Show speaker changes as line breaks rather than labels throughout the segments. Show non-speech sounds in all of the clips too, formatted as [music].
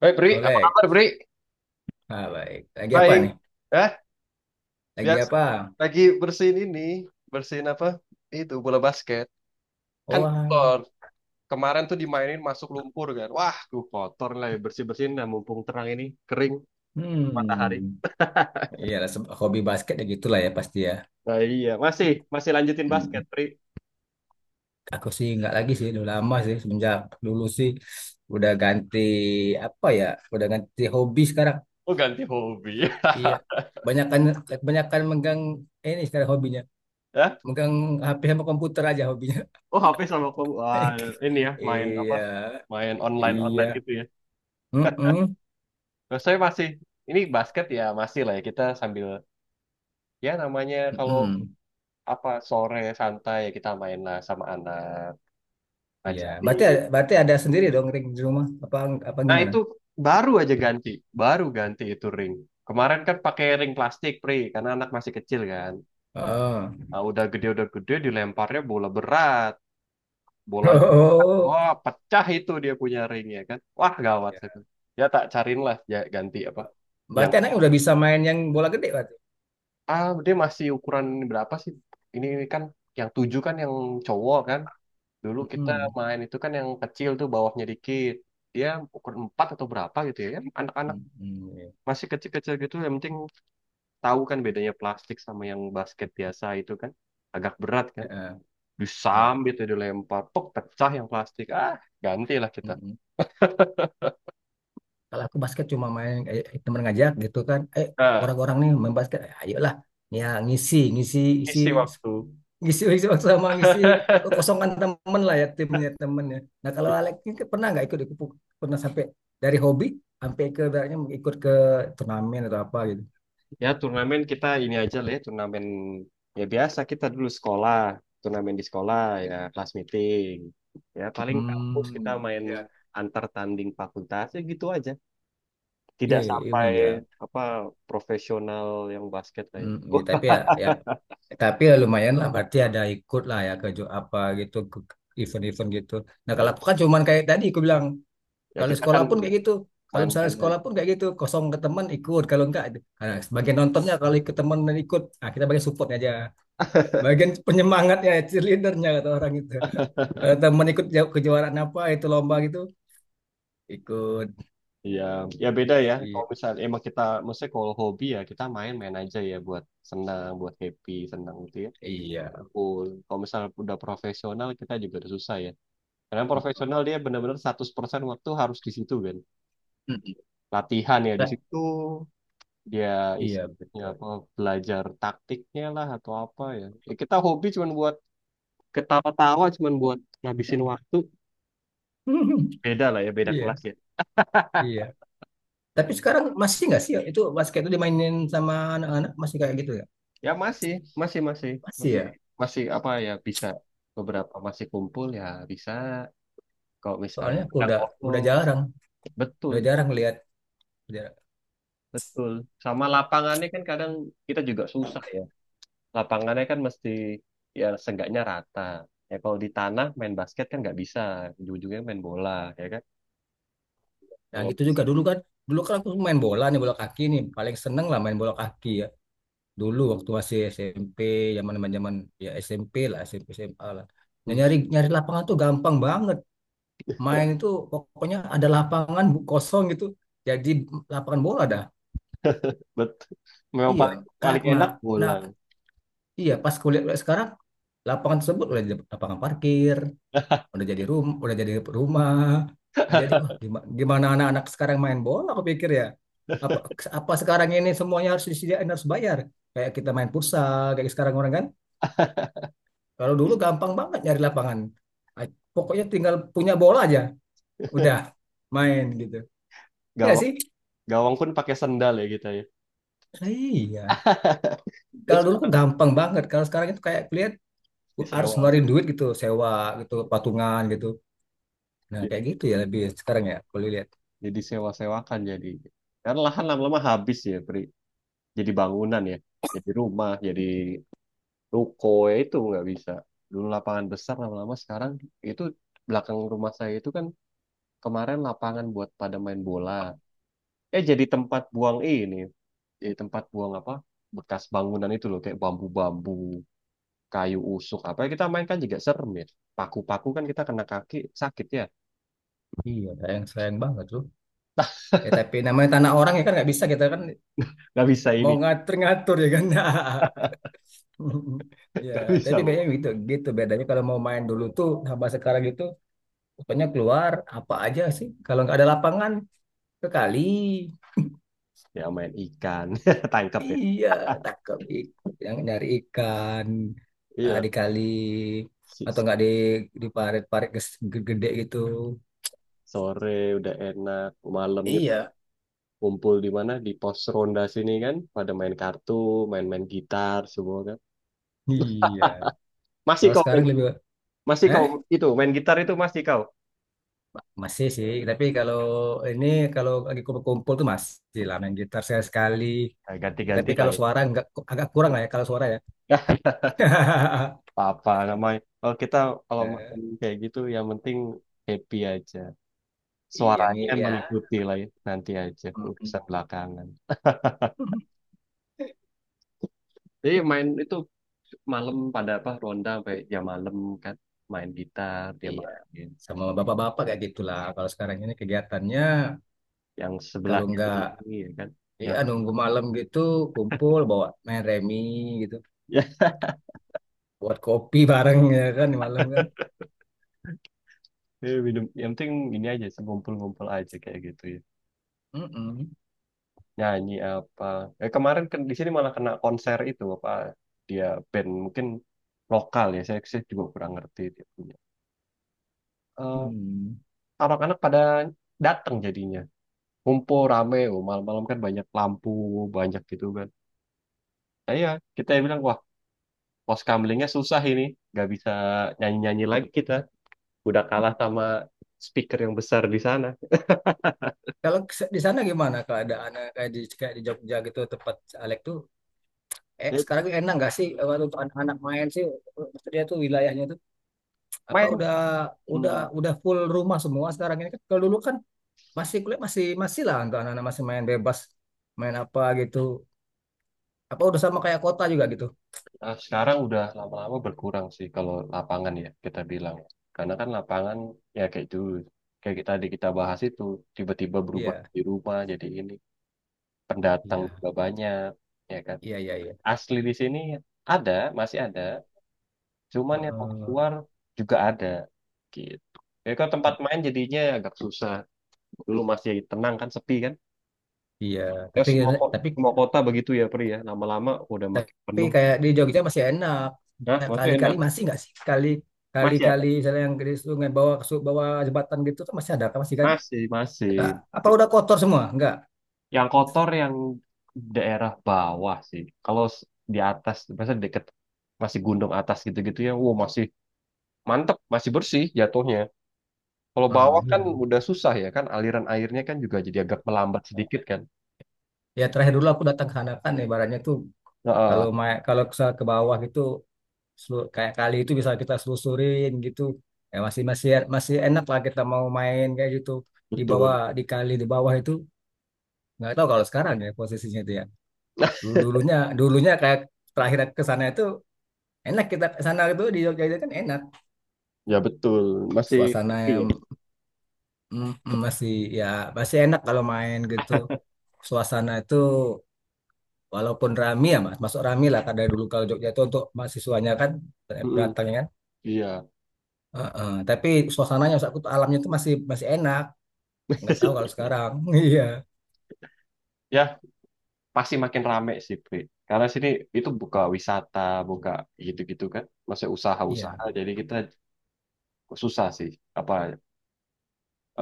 Baik, Bri, apa
Oleh.
kabar, Bri?
Ah, baik. Lagi apa
Baik,
nih?
eh
Lagi
biasa,
apa?
lagi bersihin ini, bersihin apa? Itu bola basket. Kan
Oh, ah,
kotor. Kemarin tuh dimainin masuk lumpur kan. Wah, tuh kotor lah ya, bersih-bersihin, nah mumpung terang ini, kering matahari.
hmm. Iyalah, hobi basket ya gitulah ya pasti ya.
Nah, iya, masih masih lanjutin basket,
Hmm.
Bri.
Aku sih nggak lagi sih, udah lama sih semenjak dulu sih udah ganti apa ya? Udah ganti hobi sekarang.
Oh, ganti hobi.
Iya.
[laughs]
Banyakan kebanyakan megang ini sekarang hobinya.
Ya.
Megang HP sama komputer aja hobinya.
Oh, HP sama kamu. Wah, ini
[laughs]
ya main apa?
Iya.
Main online-online
Iya.
gitu ya.
Mm-mm.
Nah, saya masih ini basket ya masih lah ya, kita sambil, ya namanya kalau
Mm-mm.
apa, sore santai kita main lah sama anak,
Iya, berarti
ngajarin.
berarti ada sendiri dong ring di rumah apa apa
Nah
gimana?
itu baru aja ganti, baru ganti itu ring. Kemarin kan pakai ring plastik, Pri, karena anak masih kecil kan.
Oh.
Nah, udah gede, udah gede dilemparnya bola berat,
[laughs]
bolanya berat.
Oh.
Wah, pecah itu dia punya ringnya kan. Wah gawat
Ya.
itu. Ya tak cariin lah ya ganti apa yang
Berarti anaknya udah bisa main yang bola gede berarti.
dia masih ukuran berapa sih? Ini kan yang tujuh kan, yang cowok kan. Dulu kita
Mm-mm.
main itu kan yang kecil tuh bawahnya dikit. Dia ukur 4 atau berapa gitu ya. Kan anak-anak
Mm-mm. Iya.
masih kecil-kecil gitu, yang penting tahu kan bedanya plastik sama yang basket biasa itu kan. Agak berat kan.
Eh, iya.
Disambit tuh dilempar, pok pecah yang plastik. Ah, gantilah kita.
Mm-mm. Kalau aku basket cuma main temen ngajak gitu kan.
Nah,
Orang-orang nih main basket, ayolah. Ya ngisi, ngisi, isi,
isi waktu.
ngisi, ngisi waktu sama ngisi kekosongan temen lah ya timnya temennya. Nah kalau Alex ini kan pernah nggak ikut pernah sampai dari hobi sampai ke ibaratnya ikut ke turnamen atau apa gitu.
Ya turnamen kita ini aja lah ya, turnamen ya biasa kita dulu sekolah, turnamen di sekolah ya, kelas meeting. Ya paling kampus kita
Hmm,
main
iya,
antar tanding fakultas ya gitu aja.
iya,
Tidak
iya,
sampai
iya.
apa profesional yang basket lah ya.
Hmm,
[laughs]
ya tapi ya lumayan lah berarti ada ikut lah ya ke apa gitu ke event-event gitu. Nah
Ya,
kalau aku kan cuman kayak tadi aku bilang
ya
kalau
kita
sekolah
kan
pun
ya
kayak gitu. Kalau misalnya
main-main
sekolah
aja.
pun kayak gitu kosong ke teman ikut kalau enggak nah, bagian nontonnya kalau ikut teman dan ikut nah, kita bagian support aja. Bagian penyemangatnya cheerleadernya kata orang itu. Kalau teman ikut kejuaraan apa itu lomba gitu ikut.
Ya, ya beda ya.
Iya
Kalau misalnya emang kita, maksudnya kalau hobi ya kita main-main aja ya buat senang, buat happy, senang gitu ya.
iya.
Cool. Kalau misalnya udah profesional kita juga udah susah ya. Karena
Mm,
profesional dia benar-benar 100% waktu harus di situ kan.
mm, mm.
Latihan ya di situ, dia is-
Iya
ya
betul.
apa belajar taktiknya lah atau apa ya. Ya kita hobi cuma buat ketawa-tawa, cuman buat ngabisin waktu,
[laughs]
beda lah ya, beda
Iya
kelas ya.
iya. Tapi sekarang masih nggak sih ya, itu basket itu dimainin sama anak-anak masih kayak gitu ya?
Ya masih masih masih
Masih
masih
ya.
masih apa ya, bisa beberapa masih kumpul ya, bisa kalau misalnya
Soalnya aku
kadang
udah
kosong.
jarang,
Betul,
udah jarang lihat. Jarang.
betul, sama lapangannya kan kadang kita juga susah ya, lapangannya kan mesti ya seenggaknya rata, ya kalau di tanah main basket kan nggak bisa, ujung-ujungnya main bola, ya kan
Nah
kalau.
gitu juga dulu kan aku main bola nih bola kaki nih, paling seneng lah main bola kaki ya. Dulu waktu masih SMP, zaman zaman ya SMP lah, SMP SMA lah. Nah,
Hmm.
nyari nyari lapangan tuh gampang banget. Main itu pokoknya ada lapangan kosong gitu, jadi lapangan bola dah.
[laughs] Betul, memang
Iya,
paling
kayak
paling enak bola
nah
ya.
iya pas kulihat sekarang lapangan tersebut udah jadi lapangan parkir, udah jadi room, udah jadi rumah. Nah, jadi wah gimana anak-anak sekarang main bola aku pikir ya. Apa apa sekarang ini semuanya harus disediain harus bayar. Kayak kita main futsal kayak sekarang orang kan.
[laughs]
Kalau dulu gampang banget nyari lapangan. Ah, pokoknya tinggal punya bola aja, udah
[laughs]
main gitu. Enggak
Gawang,
sih?
gawang pun pakai sendal ya kita ya.
Lah, iya.
Ya,
Kalau dulu tuh
sekarang
gampang banget. Kalau sekarang itu kayak lihat harus
disewa.
ngeluarin duit gitu, sewa gitu, patungan gitu. Nah,
Ya,
kayak gitu ya lebih sekarang ya, kalau lihat.
jadi sewa-sewakan jadi. Karena lahan lama-lama habis ya, Pri. Jadi bangunan ya. Jadi rumah, jadi ruko ya, itu nggak bisa. Dulu lapangan besar lama-lama sekarang itu belakang rumah saya itu kan kemarin lapangan buat pada main bola. Eh jadi tempat buang ini. Jadi tempat buang apa? Bekas bangunan itu loh kayak bambu-bambu, kayu usuk apa ya, kita main kan juga serem ya. Paku-paku kan kita kena kaki, sakit ya.
Iya, sayang sayang banget loh. Ya tapi namanya tanah orang ya kan nggak bisa kita kan
Gak bisa
mau
ini.
ngatur ngatur ya kan. [laughs]
[laughs]
Ya,
Gak
tapi
bisa,
bedanya
Bu.
gitu, gitu bedanya kalau mau main dulu tuh sama sekarang gitu, pokoknya keluar apa aja sih. Kalau nggak ada lapangan ke kali,
Ya main ikan, [laughs] tangkap ya,
iya tangkap ikan, yang nyari ikan
iya,
di kali
si-
atau nggak di di parit-parit gede gitu.
sore udah enak, malamnya pada
Iya,
kumpul di mana, di pos ronda sini kan pada main kartu, main-main gitar semua kan.
iya.
Masih
Kalau
kau
sekarang
main,
lebih,
masih kau,
hah?
itu main gitar itu masih kau?
Masih sih, tapi kalau ini kalau lagi kumpul-kumpul tuh masih lah main gitar saya sekali.
Nah, ganti-ganti
Tetapi
lah
kalau
ya.
suara nggak agak kurang lah ya kalau suara ya.
[laughs]
[laughs]
Apa namanya, kalau kita kalau
Eh,
main kayak gitu yang penting happy aja,
iya nih
suaranya
ya.
mengikuti lah ya, nanti aja
Mm-mm.
urusan belakangan. Jadi main itu malam pada apa ronda sampai jam malam kan, main gitar dia
Iya.
main,
Sama bapak-bapak kayak gitulah. Kalau sekarang ini kegiatannya
yang
kalau
sebelahnya
nggak
ini ya kan, yang
ya nunggu
sebelah.
malam gitu kumpul bawa main remi gitu,
[laughs] Ya,
buat kopi bareng [laughs] ya kan di malam kan.
ya, minum, yang penting ini aja sih, ngumpul-ngumpul aja kayak gitu ya,
Mm-mm.
nyanyi apa. Kemarin kan di sini malah kena konser itu apa, dia band mungkin lokal ya, saya juga kurang ngerti dia punya. Eh,
Hmm.
Anak-anak pada datang jadinya, ngumpul rame, oh malam-malam kan banyak lampu, banyak gitu kan. Nah, iya, kita bilang wah, Pos Poskamlingnya susah ini, nggak bisa nyanyi-nyanyi lagi kita. Udah kalah sama speaker yang besar di sana.
Kalau di sana gimana keadaan kayak di Jogja gitu tempat Alek tuh eh
Ya,
sekarang ini enak nggak sih untuk anak-anak main sih maksudnya tuh wilayahnya tuh apa
main,
udah
hmm,
udah full rumah semua sekarang ini kan kalau dulu kan masih kuliah masih masih lah untuk anak-anak masih main bebas main apa gitu apa udah sama kayak kota juga gitu
nah sekarang udah lama-lama berkurang sih kalau lapangan ya kita bilang. Karena kan lapangan ya kayak dulu, kayak kita tadi kita bahas itu tiba-tiba berubah
iya
di rumah jadi ini, pendatang
iya
juga banyak, ya kan.
iya iya iya
Asli di sini ada, masih ada, cuman yang
heeh,
keluar juga ada, gitu. Ya kalau tempat main jadinya agak susah. Dulu masih tenang kan, sepi kan,
iya
ya
tapi
semua ko-
tapi
semua kota begitu ya Pri ya, lama-lama udah makin
tapi
penuh.
kayak di Jogja masih enak.
Nah
Ya,
maksudnya
kali-kali
enak,
masih nggak sih kali
masih ada,
kali-kali misalnya yang ke sungai bawa ke bawa jembatan gitu tuh masih ada kan masih kan
masih, masih
nggak. Apa udah kotor semua nggak
yang kotor, yang daerah bawah sih kalau s- di atas biasanya deket masih gunung atas gitu-gitu ya, wow masih mantep, masih bersih jatuhnya. Kalau
ah,
bawah kan
iya.
udah susah ya kan, aliran airnya kan juga jadi agak melambat sedikit kan.
Ya terakhir dulu aku datang ke Hanakan ibaratnya tuh
Heeh,
kalau kalau ke bawah gitu kayak kali itu bisa kita selusurin gitu. Ya masih masih masih enak lah kita mau main kayak gitu di bawah
betul.
di kali di bawah itu nggak tahu kalau sekarang ya posisinya itu ya. Dulu dulunya dulunya kayak terakhir aku ke sana itu enak kita ke sana itu di Jogja itu kan enak.
[laughs] Ya betul, masih
Suasana
sepi ya.
yang mm, mm, masih ya masih enak kalau main gitu. Suasana itu walaupun rame ya masuk rame lah karena dulu kalau Jogja itu untuk mahasiswanya kan
Mm-mm,
beratangnya kan.
iya.
Heeh, tapi suasananya maksud aku alamnya itu masih masih enak. Nggak tahu kalau sekarang. [laughs] Iya,
[laughs] Ya pasti makin rame sih, Pri. Karena sini itu buka wisata, buka gitu-gitu kan. Masih
iya,
usaha-usaha, jadi kita susah sih. Apa,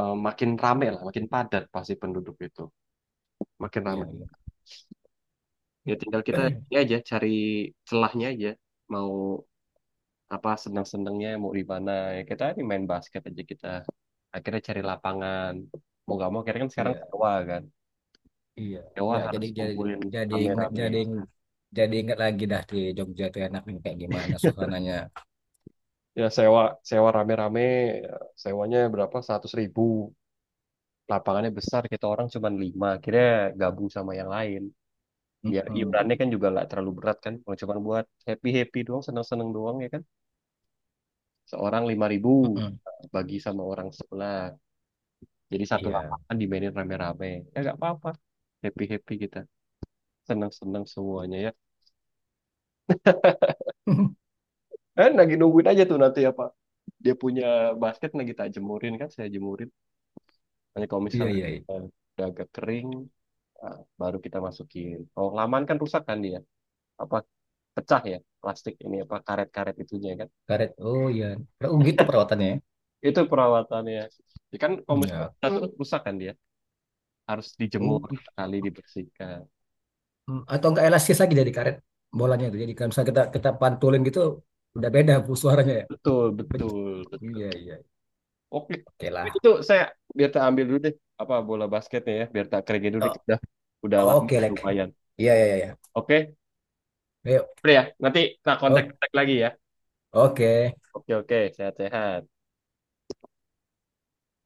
makin rame lah, makin padat pasti penduduk itu. Makin
iya,
rame.
iya,
Ya tinggal kita ini
[clears throat]
aja cari celahnya aja. Mau apa senang-senangnya mau di mana, ya kita ini main basket aja kita akhirnya cari lapangan, mau gak mau akhirnya kan sekarang
iya,
sewa kan,
iya,
sewa
iya.
harus kumpulin
Jadi
rame-rame.
jadi jadi ingat lagi dah di Jogja itu enaknya kayak gimana suasananya.
Ya sewa, sewa rame-rame, sewanya berapa seratus ribu, lapangannya besar, kita orang cuma lima, akhirnya gabung sama yang lain biar
Mm-mm,
iurannya kan juga nggak terlalu berat kan, kalau cuma buat happy happy doang, seneng seneng doang ya kan, seorang lima ribu,
mm-mm.
bagi sama orang sebelah, jadi satu
Iya,
lapangan dimainin rame-rame. Ya nggak apa-apa, happy happy kita, seneng seneng semuanya ya.
[laughs]
Lagi nungguin aja tuh, nanti apa dia punya basket lagi tak jemurin kan, saya jemurin, nanti kalau
iya,
misalnya
iya, iya.
eh, udah agak kering, ah baru kita masukin kalau laman kan rusak kan dia, apa pecah ya, plastik ini apa karet-karet itunya kan.
Karet, oh iya. Oh gitu perawatannya ya.
Itu perawatannya, ya kan kalau misalnya
Iya.
pecah tuh rusak kan dia, harus
Oh,
dijemur sekali dibersihkan.
hmm, atau enggak elastis lagi dari karet bolanya itu. Jadi kalau misalnya kita kita pantulin gitu udah beda [laughs] bu suaranya ya.
Betul,
Pec-
betul, betul,
iya iya.
oke.
Oke lah.
Itu saya biar tak ambil dulu deh apa bola basketnya ya, biar tak keringin dulu nih,
O-
udah lama
oke Lek.
lumayan.
Iya iya iya.
Oke
Ayo.
Pri ya, nanti tak kontak
O-
kontak lagi ya.
oke.
Oke oke, sehat-sehat.